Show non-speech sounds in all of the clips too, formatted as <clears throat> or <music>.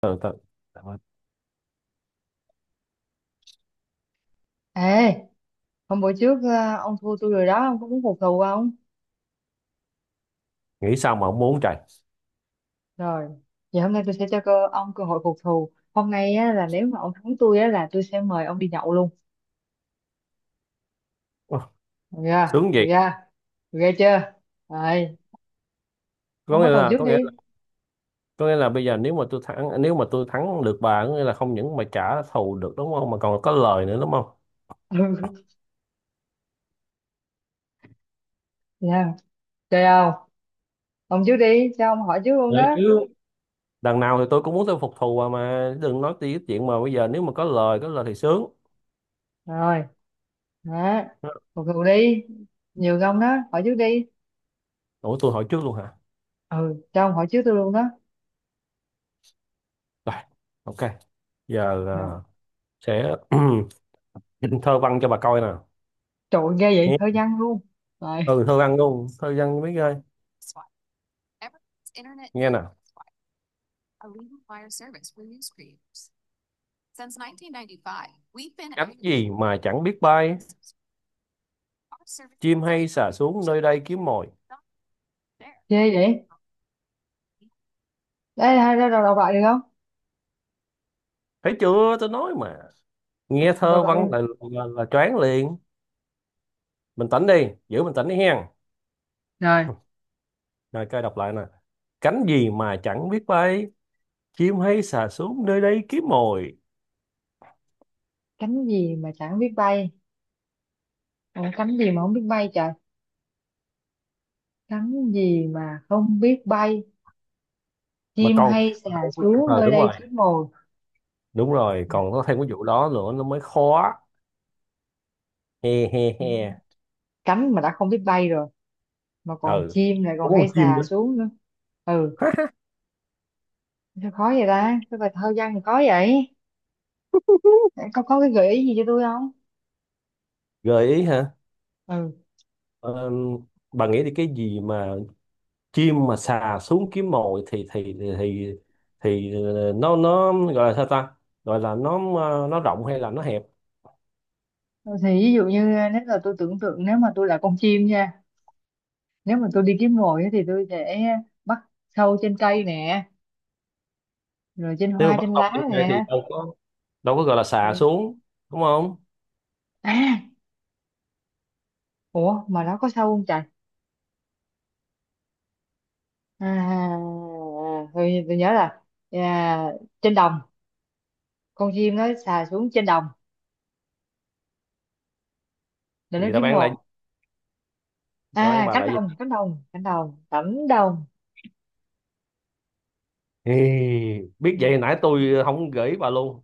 ừ, tao, Ê, hôm bữa trước ông thua tôi rồi đó, ông có muốn phục thù không? nghĩ sao mà không muốn trời. Rồi, vậy hôm nay tôi sẽ cho ông cơ hội phục thù. Hôm nay á, là nếu mà ông thắng tôi á, là tôi sẽ mời ông đi nhậu luôn. Ồ, Được chưa? sướng Được vậy. chưa? Được ghê chưa? Rồi, có ông nghĩa bắt đầu là trước có đi. nghĩa là <laughs> có nghĩa là bây giờ nếu mà tôi thắng, được bà, có nghĩa là không những mà trả thù được, đúng không, mà còn có lời nữa, đúng không? Ừ, nha. Chơi không? Ông trước đi, cho ông hỏi trước luôn Đấy, đó. chứ đằng nào thì tôi cũng muốn tôi phục thù bà, mà đừng nói tí cái chuyện mà bây giờ nếu mà có lời thì sướng. Rồi, đó. Phục thù đi. Nhiều ông đó, hỏi trước đi. Ủa, tôi hỏi trước luôn hả? Ừ, cho ông hỏi trước tôi luôn đó. Rồi, ok. Giờ Rồi. là sẽ <clears throat> thơ văn cho bà coi nè. Trời ơi, ghê vậy, Nghe. hơi nhăn luôn. Rồi, Ừ, thơ văn luôn, thơ văn biết ơi. Nghe nè. Cánh gì mà chẳng biết bay, chim hay xà xuống nơi đây kiếm mồi. ghê vậy. Ê, hai ra đầu đọc lại được không? Thấy chưa, tôi nói mà. Nghe Đọc thơ lại đi, văn là là choáng liền. Mình tĩnh đi, giữ mình tĩnh đi hen. rồi Rồi coi đọc lại nè. Cánh gì mà chẳng biết bay, chim hay xà xuống nơi đây kiếm mồi. cánh gì mà chẳng biết bay. Ủa, cánh gì mà không biết bay trời, cánh gì mà không biết bay, Mà chim còn, hay xà xuống ờ nơi đúng đây rồi, kiếm mồi. đúng rồi, còn có thêm cái vụ đó nữa, nó mới khó. He he he. Cánh mà đã không biết bay rồi mà còn Ừ, chim lại có còn hay con chim xà nữa. xuống nữa. Ừ, <laughs> sao khó vậy ta, cái bài thơ văn thì khó vậy, có cái gợi ý gì cho tôi không? Gợi ý hả? Ừ, Ờ, bà nghĩ thì cái gì mà chim mà sà xuống kiếm mồi thì nó gọi là sao ta, gọi là nó, nó rộng hay là nó hẹp? thì ví dụ như, nếu là tôi tưởng tượng nếu mà tôi là con chim nha, nếu mà tôi đi kiếm mồi á thì tôi sẽ bắt sâu trên cây nè, rồi trên Nếu mà hoa bắt trên ốc lá trên cây thì nè. đâu có, đâu có gọi là xà Ừ. xuống, đúng không? À, ủa mà nó có sâu không trời? À, tôi nhớ là, à, trên đồng, con chim nó xà xuống trên đồng để nó Vậy đáp kiếm án lại, mồi. đáp án À, bà cánh lại gì? đồng, cánh đồng, cánh đồng, cánh đồng. Ê, biết vậy nãy tôi không gửi bà luôn.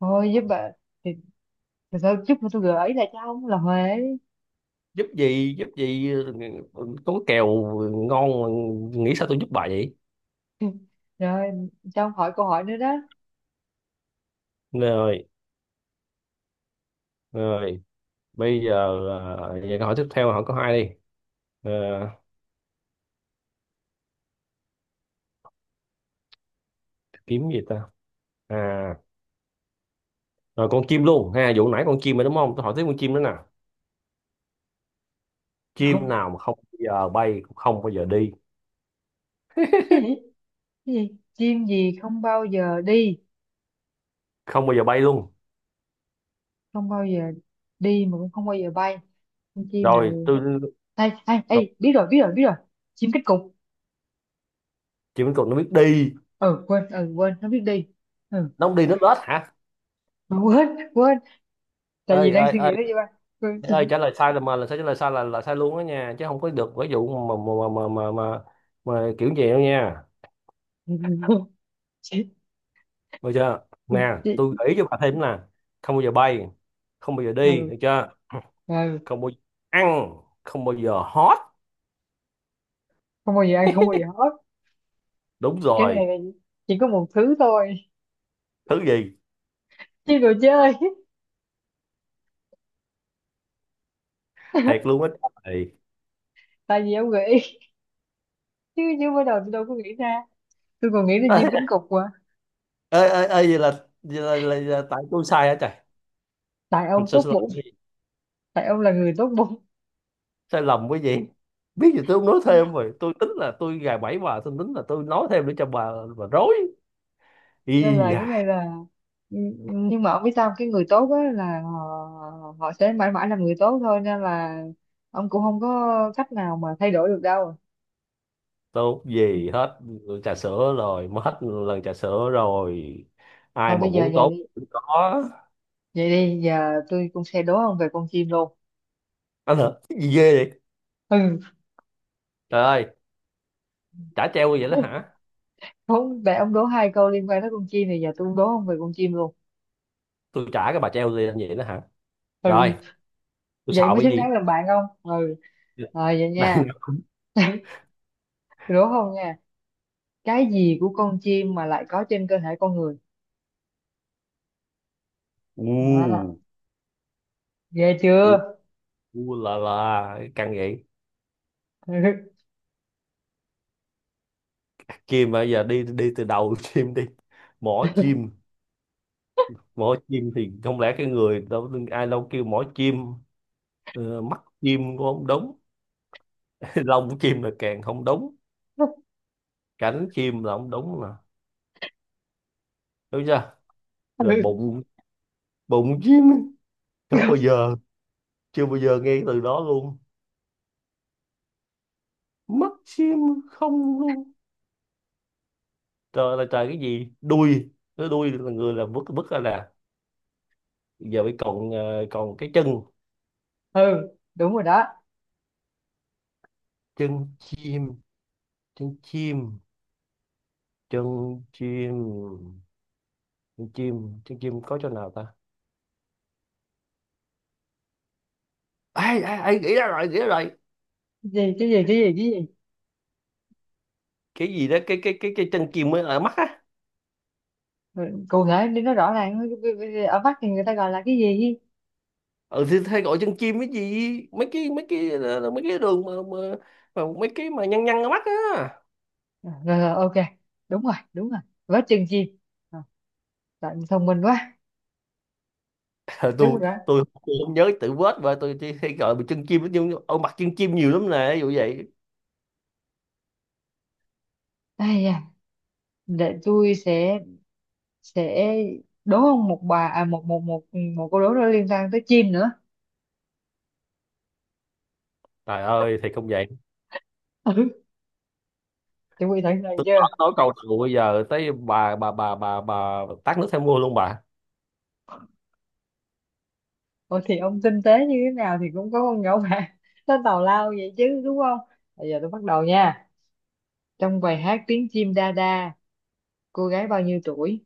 Thôi giúp bà, thì, thì thôi giúp tôi gợi ý lại cho ông là Huế. Giúp gì, giúp gì? Có kèo ngon mà, nghĩ sao tôi giúp bà vậy? <laughs> Rồi, cho ông hỏi câu hỏi nữa đó. Rồi, rồi, bây giờ, vậy câu hỏi tiếp theo, hỏi có hai đi. Ờ, kiếm gì ta? À, rồi con chim luôn ha, vụ nãy con chim rồi đúng không? Tôi hỏi tiếp con chim nữa nè. <laughs> Chim Rồi, nào mà không bao giờ bay, cũng không bao giờ đi, cái gì, cái gì, chim gì không bao giờ đi, không bao giờ bay luôn. không bao giờ đi mà cũng không bao giờ bay, con chim Rồi nào? tôi, Ê, ê, rồi, ê, biết rồi, biết rồi, biết rồi, chim cánh cụt. chim cục nó biết đi, Ờ quên, ờ quên, nó biết đi. Ừ, nó không đi, nó lết hả? mà quên, quên, tại vì Ơi đang ơi suy nghĩ ơi, tới gì ba, quên ơi chị. trả lời sai là, mà là sao, trả lời sai là sai luôn đó nha, chứ không có được cái vụ mà kiểu gì đâu nha. <laughs> Chị, Được chưa? Nè, chị. tôi gợi ý cho bà thêm nè. Không bao giờ bay, không bao giờ đi, Ừ, được chưa? ừ. Không bao giờ ăn, không bao giờ hót. Không bao giờ ăn, không bao giờ hết. Đúng Cái này rồi. là chỉ có một thứ thôi, Thứ gì? chứ đồ chơi. Thiệt luôn á. Tại vì ông nghĩ, chứ chứ mới đầu tôi đâu có nghĩ ra, tôi còn nghĩ là chim Ơi, cánh cụt mà. ơi ơi ơi, vậy là, là tại tôi sai hả trời? Tại ông Không, sai tốt sai lầm bụng, cái gì, tại ông là người tốt bụng sai lầm cái gì. Biết gì, tôi không nói thêm, rồi tôi tính là tôi gài bẫy bà, tôi tính là tôi nói thêm để cho bà rối. nên là Y cái da. này là, ừ, ừ, nhưng mà ông biết sao không? Cái người tốt á là họ, họ sẽ mãi mãi làm người tốt thôi, nên là ông cũng không có cách nào mà thay đổi được đâu. Tốt gì hết, trà sữa rồi, mất hết lần trà sữa rồi. Ai Thôi mà bây giờ muốn vậy tốt đi, cũng có. vậy đi, giờ tôi cũng sẽ đố ông về con chim luôn. Anh hả, cái gì ghê vậy? Ừ. Trời ơi, trả treo như vậy đó hả? <laughs> Không, để ông đố hai câu liên quan tới con chim thì giờ tôi đố ông về con chim luôn. Tôi trả, cái bà treo gì như vậy đó hả? Rồi, Ừ, tôi sợ vậy mới cái xứng gì? đáng làm bạn không? Ừ, rồi vậy Đang. nha. Tôi đố không nha, cái gì của con chim mà lại có trên cơ thể con người? À, U. ghê chưa? U. U là căng vậy. Kim bây giờ đi đi từ đầu. <laughs> Chim đi. Mỏ chim, mỏ chim thì không lẽ cái người đâu, ai đâu kêu mỏ chim. Mắt chim cũng không đúng. <laughs> Lông chim là càng không đúng. <laughs> Cánh chim là không đúng mà, đúng chưa? Rồi bụng, bụng chim, không Ừ. bao giờ, chưa bao giờ nghe cái từ đó luôn. Mắt chim, không luôn. Trời là trời, cái gì đuôi, cái đuôi là người là vứt vứt ra nè. Giờ mới còn còn cái chân. Ừ, đúng rồi đó. Chân chim, chân chim, chân chim, trứng chim có chỗ nào ta? Ai ai ai nghĩ ra rồi, nghĩ ra rồi. Cái gì, cái gì, cái gì, cái gì? Cái gì đó cái cái cái cái chân chim mới ở mắt á. Ừ, cụ thể đi nó rõ ràng. Ở Bắc thì người ta gọi là cái gì ý? Ừ, thì hay gọi chân chim, cái gì mấy cái, mấy cái là mấy cái đường mà mấy cái mà nhăn nhăn ở mắt á. Rồi, rồi, ok, đúng rồi, đúng rồi, vớ chừng gì. Rồi, bạn thông minh quá, Ờ, đúng rồi tôi đó. tôi tôi không nhớ tự vết và tôi chỉ hay gọi bằng chân chim, nhưng ở mặt chân chim nhiều lắm nè, ví dụ vậy. Ây da, để tôi sẽ đố ông một bà, à, một một câu đố nó liên quan tới chim nữa. Trời ơi thì không vậy. Ừ, chuẩn bị sẵn sàng Tôi chưa? Nói câu đầu, bây giờ tới bà, tát nước theo mưa luôn bà. Ủa thì ông tinh tế như thế nào thì cũng có con nhỏ bạn <laughs> nó tào lao vậy chứ đúng không? Bây giờ tôi bắt đầu nha. Trong bài hát tiếng chim đa đa, cô gái bao nhiêu tuổi?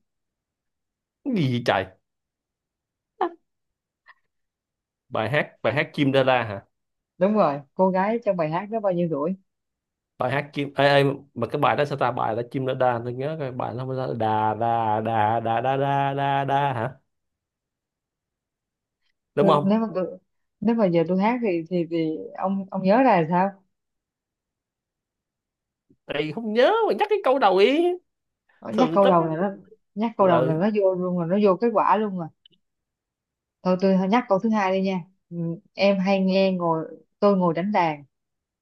Cái gì vậy trời? Bài hát chim đa la hả? Đúng rồi, cô gái trong bài hát đó bao nhiêu tuổi? Bài hát chim, ê, ê, mà cái bài đó sao ta, bài là chim nó đa, tôi nhớ cái bài nó không sao, đà đà đà đà đà đà đà đà hả, đúng tôi nếu không? mà tôi, Nếu mà giờ tôi hát thì ông nhớ ra là sao? Ê, không nhớ mà nhắc cái câu đầu ý, Nó nhắc thường câu tất. đầu là nó, nhắc câu đầu là Ừ. nó vô luôn, là nó vô kết quả luôn rồi. Thôi tôi nhắc câu thứ hai đi nha. Ừ, em hay nghe ngồi tôi ngồi đánh đàn,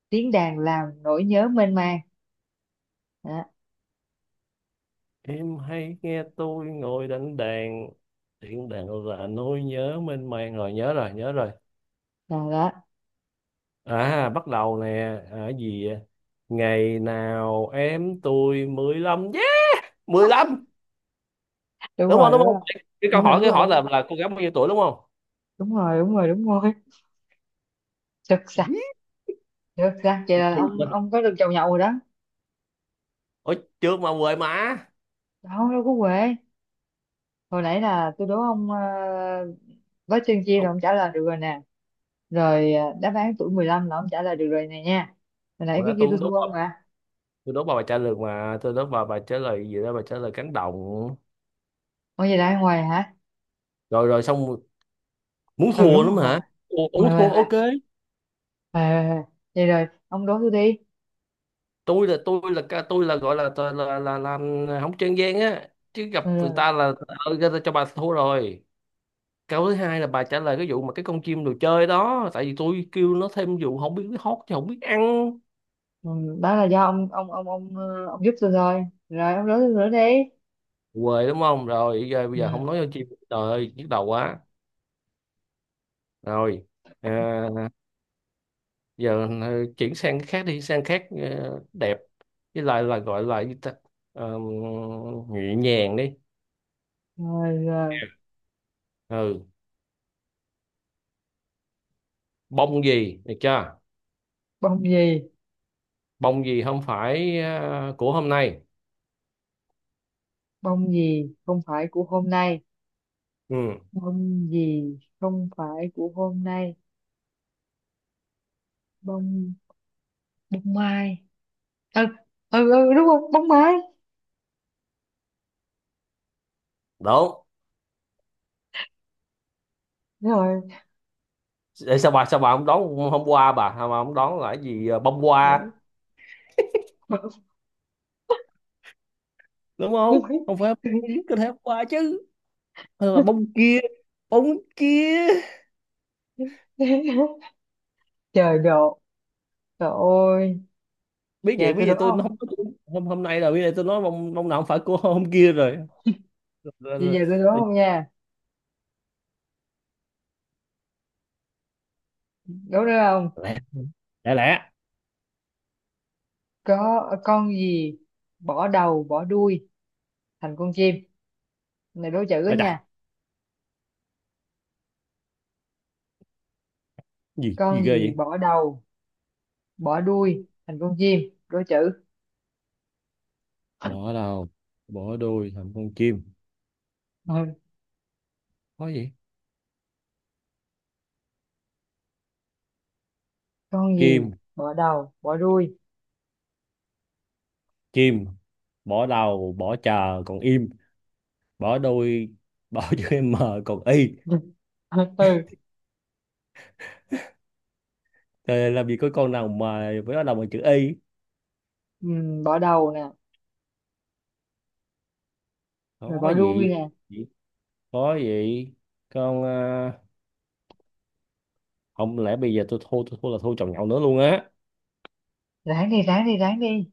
tiếng đàn làm nỗi nhớ mênh mang. đó, Em hay nghe tôi ngồi đánh đàn, tiếng đàn là nỗi nhớ mênh mang, rồi nhớ rồi, nhớ rồi. Đó. À bắt đầu nè. À, cái gì vậy? Ngày nào em tôi 15, yeah, mười lăm. Đúng Đúng không, rồi, đúng không? Cái đúng câu rồi, hỏi, đúng cái hỏi rồi, là cô gái bao nhiêu tuổi đúng không? đúng rồi, đúng rồi, đúng rồi, đúng rồi. Sực sặc, sực sặc, vậy là ông Yeah. ông có được chầu nhậu rồi đó. Ủa, chưa mà quên mà. Đó đâu có quê. Hồi nãy là tôi đố ông, với chương chia là Ông, ông trả lời được rồi nè. Rồi đáp án tuổi 15 là ông trả lời được rồi này nha. Hồi nãy hồi cái đó kia tôi tôi cũng thua đốt ông bà, à. tôi đốt vào bài trả lời, mà tôi đốt vào bài trả lời gì đó, bài trả lời cánh đồng. Ông gì đây ngoài hả? Rồi rồi, xong. Muốn Ừ thua đúng lắm rồi, hoài hả? Ủa, muốn hoài hoài hoài, thua hoài ok. hoài. Hoài vậy rồi ông đố tôi đi. Tôi là, tôi là gọi là là làm không trang gian á, chứ gặp Ừ, người rồi. ta là, người ta cho bà thua rồi. Câu thứ hai là bà trả lời cái vụ mà cái con chim đồ chơi đó, tại vì tôi kêu nó thêm vụ không biết hót chứ không biết ăn. Ừ, đó là do ông ông giúp tôi thôi. Rồi ông đố tôi nữa đi. Quê đúng không? Rồi giờ bây giờ Ừ. không nói con chim, trời ơi nhức đầu quá. Rồi. À, giờ chuyển sang cái khác đi, sang khác, đẹp với lại là gọi là gì ta, Ờ, nhẹ nhàng đi. Rồi, rồi Ừ, bông gì được chưa? bông gì, Bông gì không phải, của hôm nay. bông gì không phải của hôm nay, Ừ bông gì không phải của hôm nay, bông, bông mai. Ừ, ừ, ừ đúng rồi, bóng máy. đúng. Rồi. Để sao bà, sao bà không đón hôm qua, bà sao bà không đón là cái gì, bông Rồi. hoa, Bóng đúng không? máy. Không phải bông gì, có thể hôm qua chứ, hay là bông kia, bông kia. <laughs> Trời độ, trời ơi. Biết vậy, Giờ biết tôi đố vậy tôi nó không, không có. Hôm Hôm nay là, biết vậy tôi nói bông, bông nào không phải của hôm kia rồi. Rồi, giờ rồi. giờ tôi đố không nha, đố được không? Lẻ, lẻ, lẻ. Có con gì bỏ đầu bỏ đuôi thành con chim? Này đố chữ đó Ôi chà, nha. gì Con gì ghê gì vậy. bỏ đầu bỏ đuôi thành con chim? Đố chữ. Bỏ đầu, bỏ đuôi, thành con chim. Ừ. Có gì, Con gì kim, bỏ đầu bỏ đuôi? chim, bỏ đầu bỏ chờ còn im, bỏ đuôi, bỏ <laughs> chữ m, còn y. <laughs> Ừ. Trời, làm gì có con nào mà với nó đầu bằng chữ y. Ừ. Bỏ đầu nè, rồi Có bỏ đuôi gì, nè. có gì, con à, không lẽ bây giờ tôi thua, tôi thua là thua chồng nhậu nữa luôn á. Ráng đi, ráng đi, ráng đi.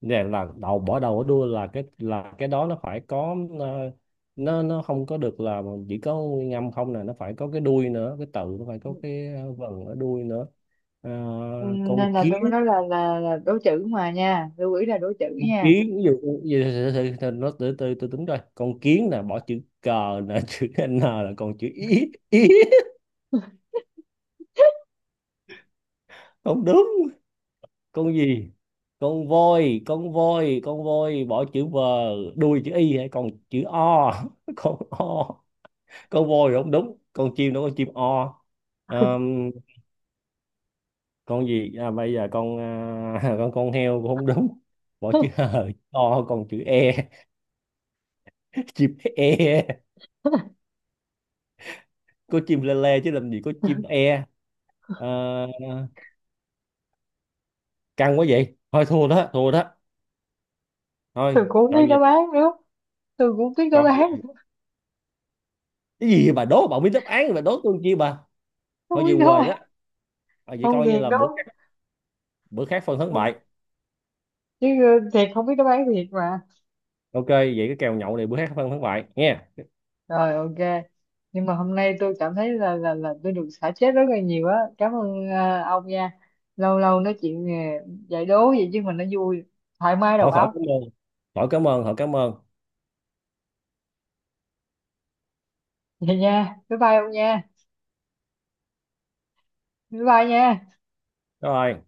Nè là đầu, bỏ đầu ở đuôi là cái, là cái đó nó phải có, nó không có được là chỉ có nguyên âm không nè, nó phải có cái đuôi nữa, cái tự nó phải có cái, vần ở đuôi nữa. Ờ, Ừ, nên con là kiến, tôi mới nói là là đố chữ mà nha, lưu ý là đố chữ con nha. kiến ví dụ, từ, từ, từ, nó từ từ từ tính coi con kiến nè, bỏ chữ cờ nè <laughs> chữ n là còn chữ ý ý. Không đúng. Con gì, con voi, con voi bỏ chữ v, đuôi chữ y hay còn chữ o. <laughs> Con o. Con voi thì không đúng, con chim đó, con chim o. Ờm, con gì, à, bây giờ con, à, <laughs> con heo cũng không đúng, bỏ chữ hờ chữ o còn chữ e. <laughs> Chim e. Có chim lê lê chứ làm gì có chim e. Ờ, căng quá, vậy thôi thua đó, thua đó. Thôi, Tôi cũng không coi biết như, đáp án nữa, tôi cũng không biết đáp coi án, như, cái gì bà đố, bà biết đáp án bà đố tôi chi bà. Thôi không về biết đáp quê đó. án, À, vậy không coi như thiệt là đâu, bữa khác, bữa khác phân thắng không, bại. chứ thiệt không biết đáp án thiệt mà. Ok, vậy cái kèo nhậu này bữa khác phân thắng bại nha. Rồi ok, nhưng mà hôm nay tôi cảm thấy là tôi được xả stress rất là nhiều á, cảm ơn ông nha. Lâu lâu nói chuyện, giải đố vậy chứ mình nó vui, thoải mái đầu Khỏi, khỏi óc. cảm ơn, khỏi cảm ơn, khỏi cảm ơn. Vậy nha, bye bye ông nha, bye bye nha. Rồi.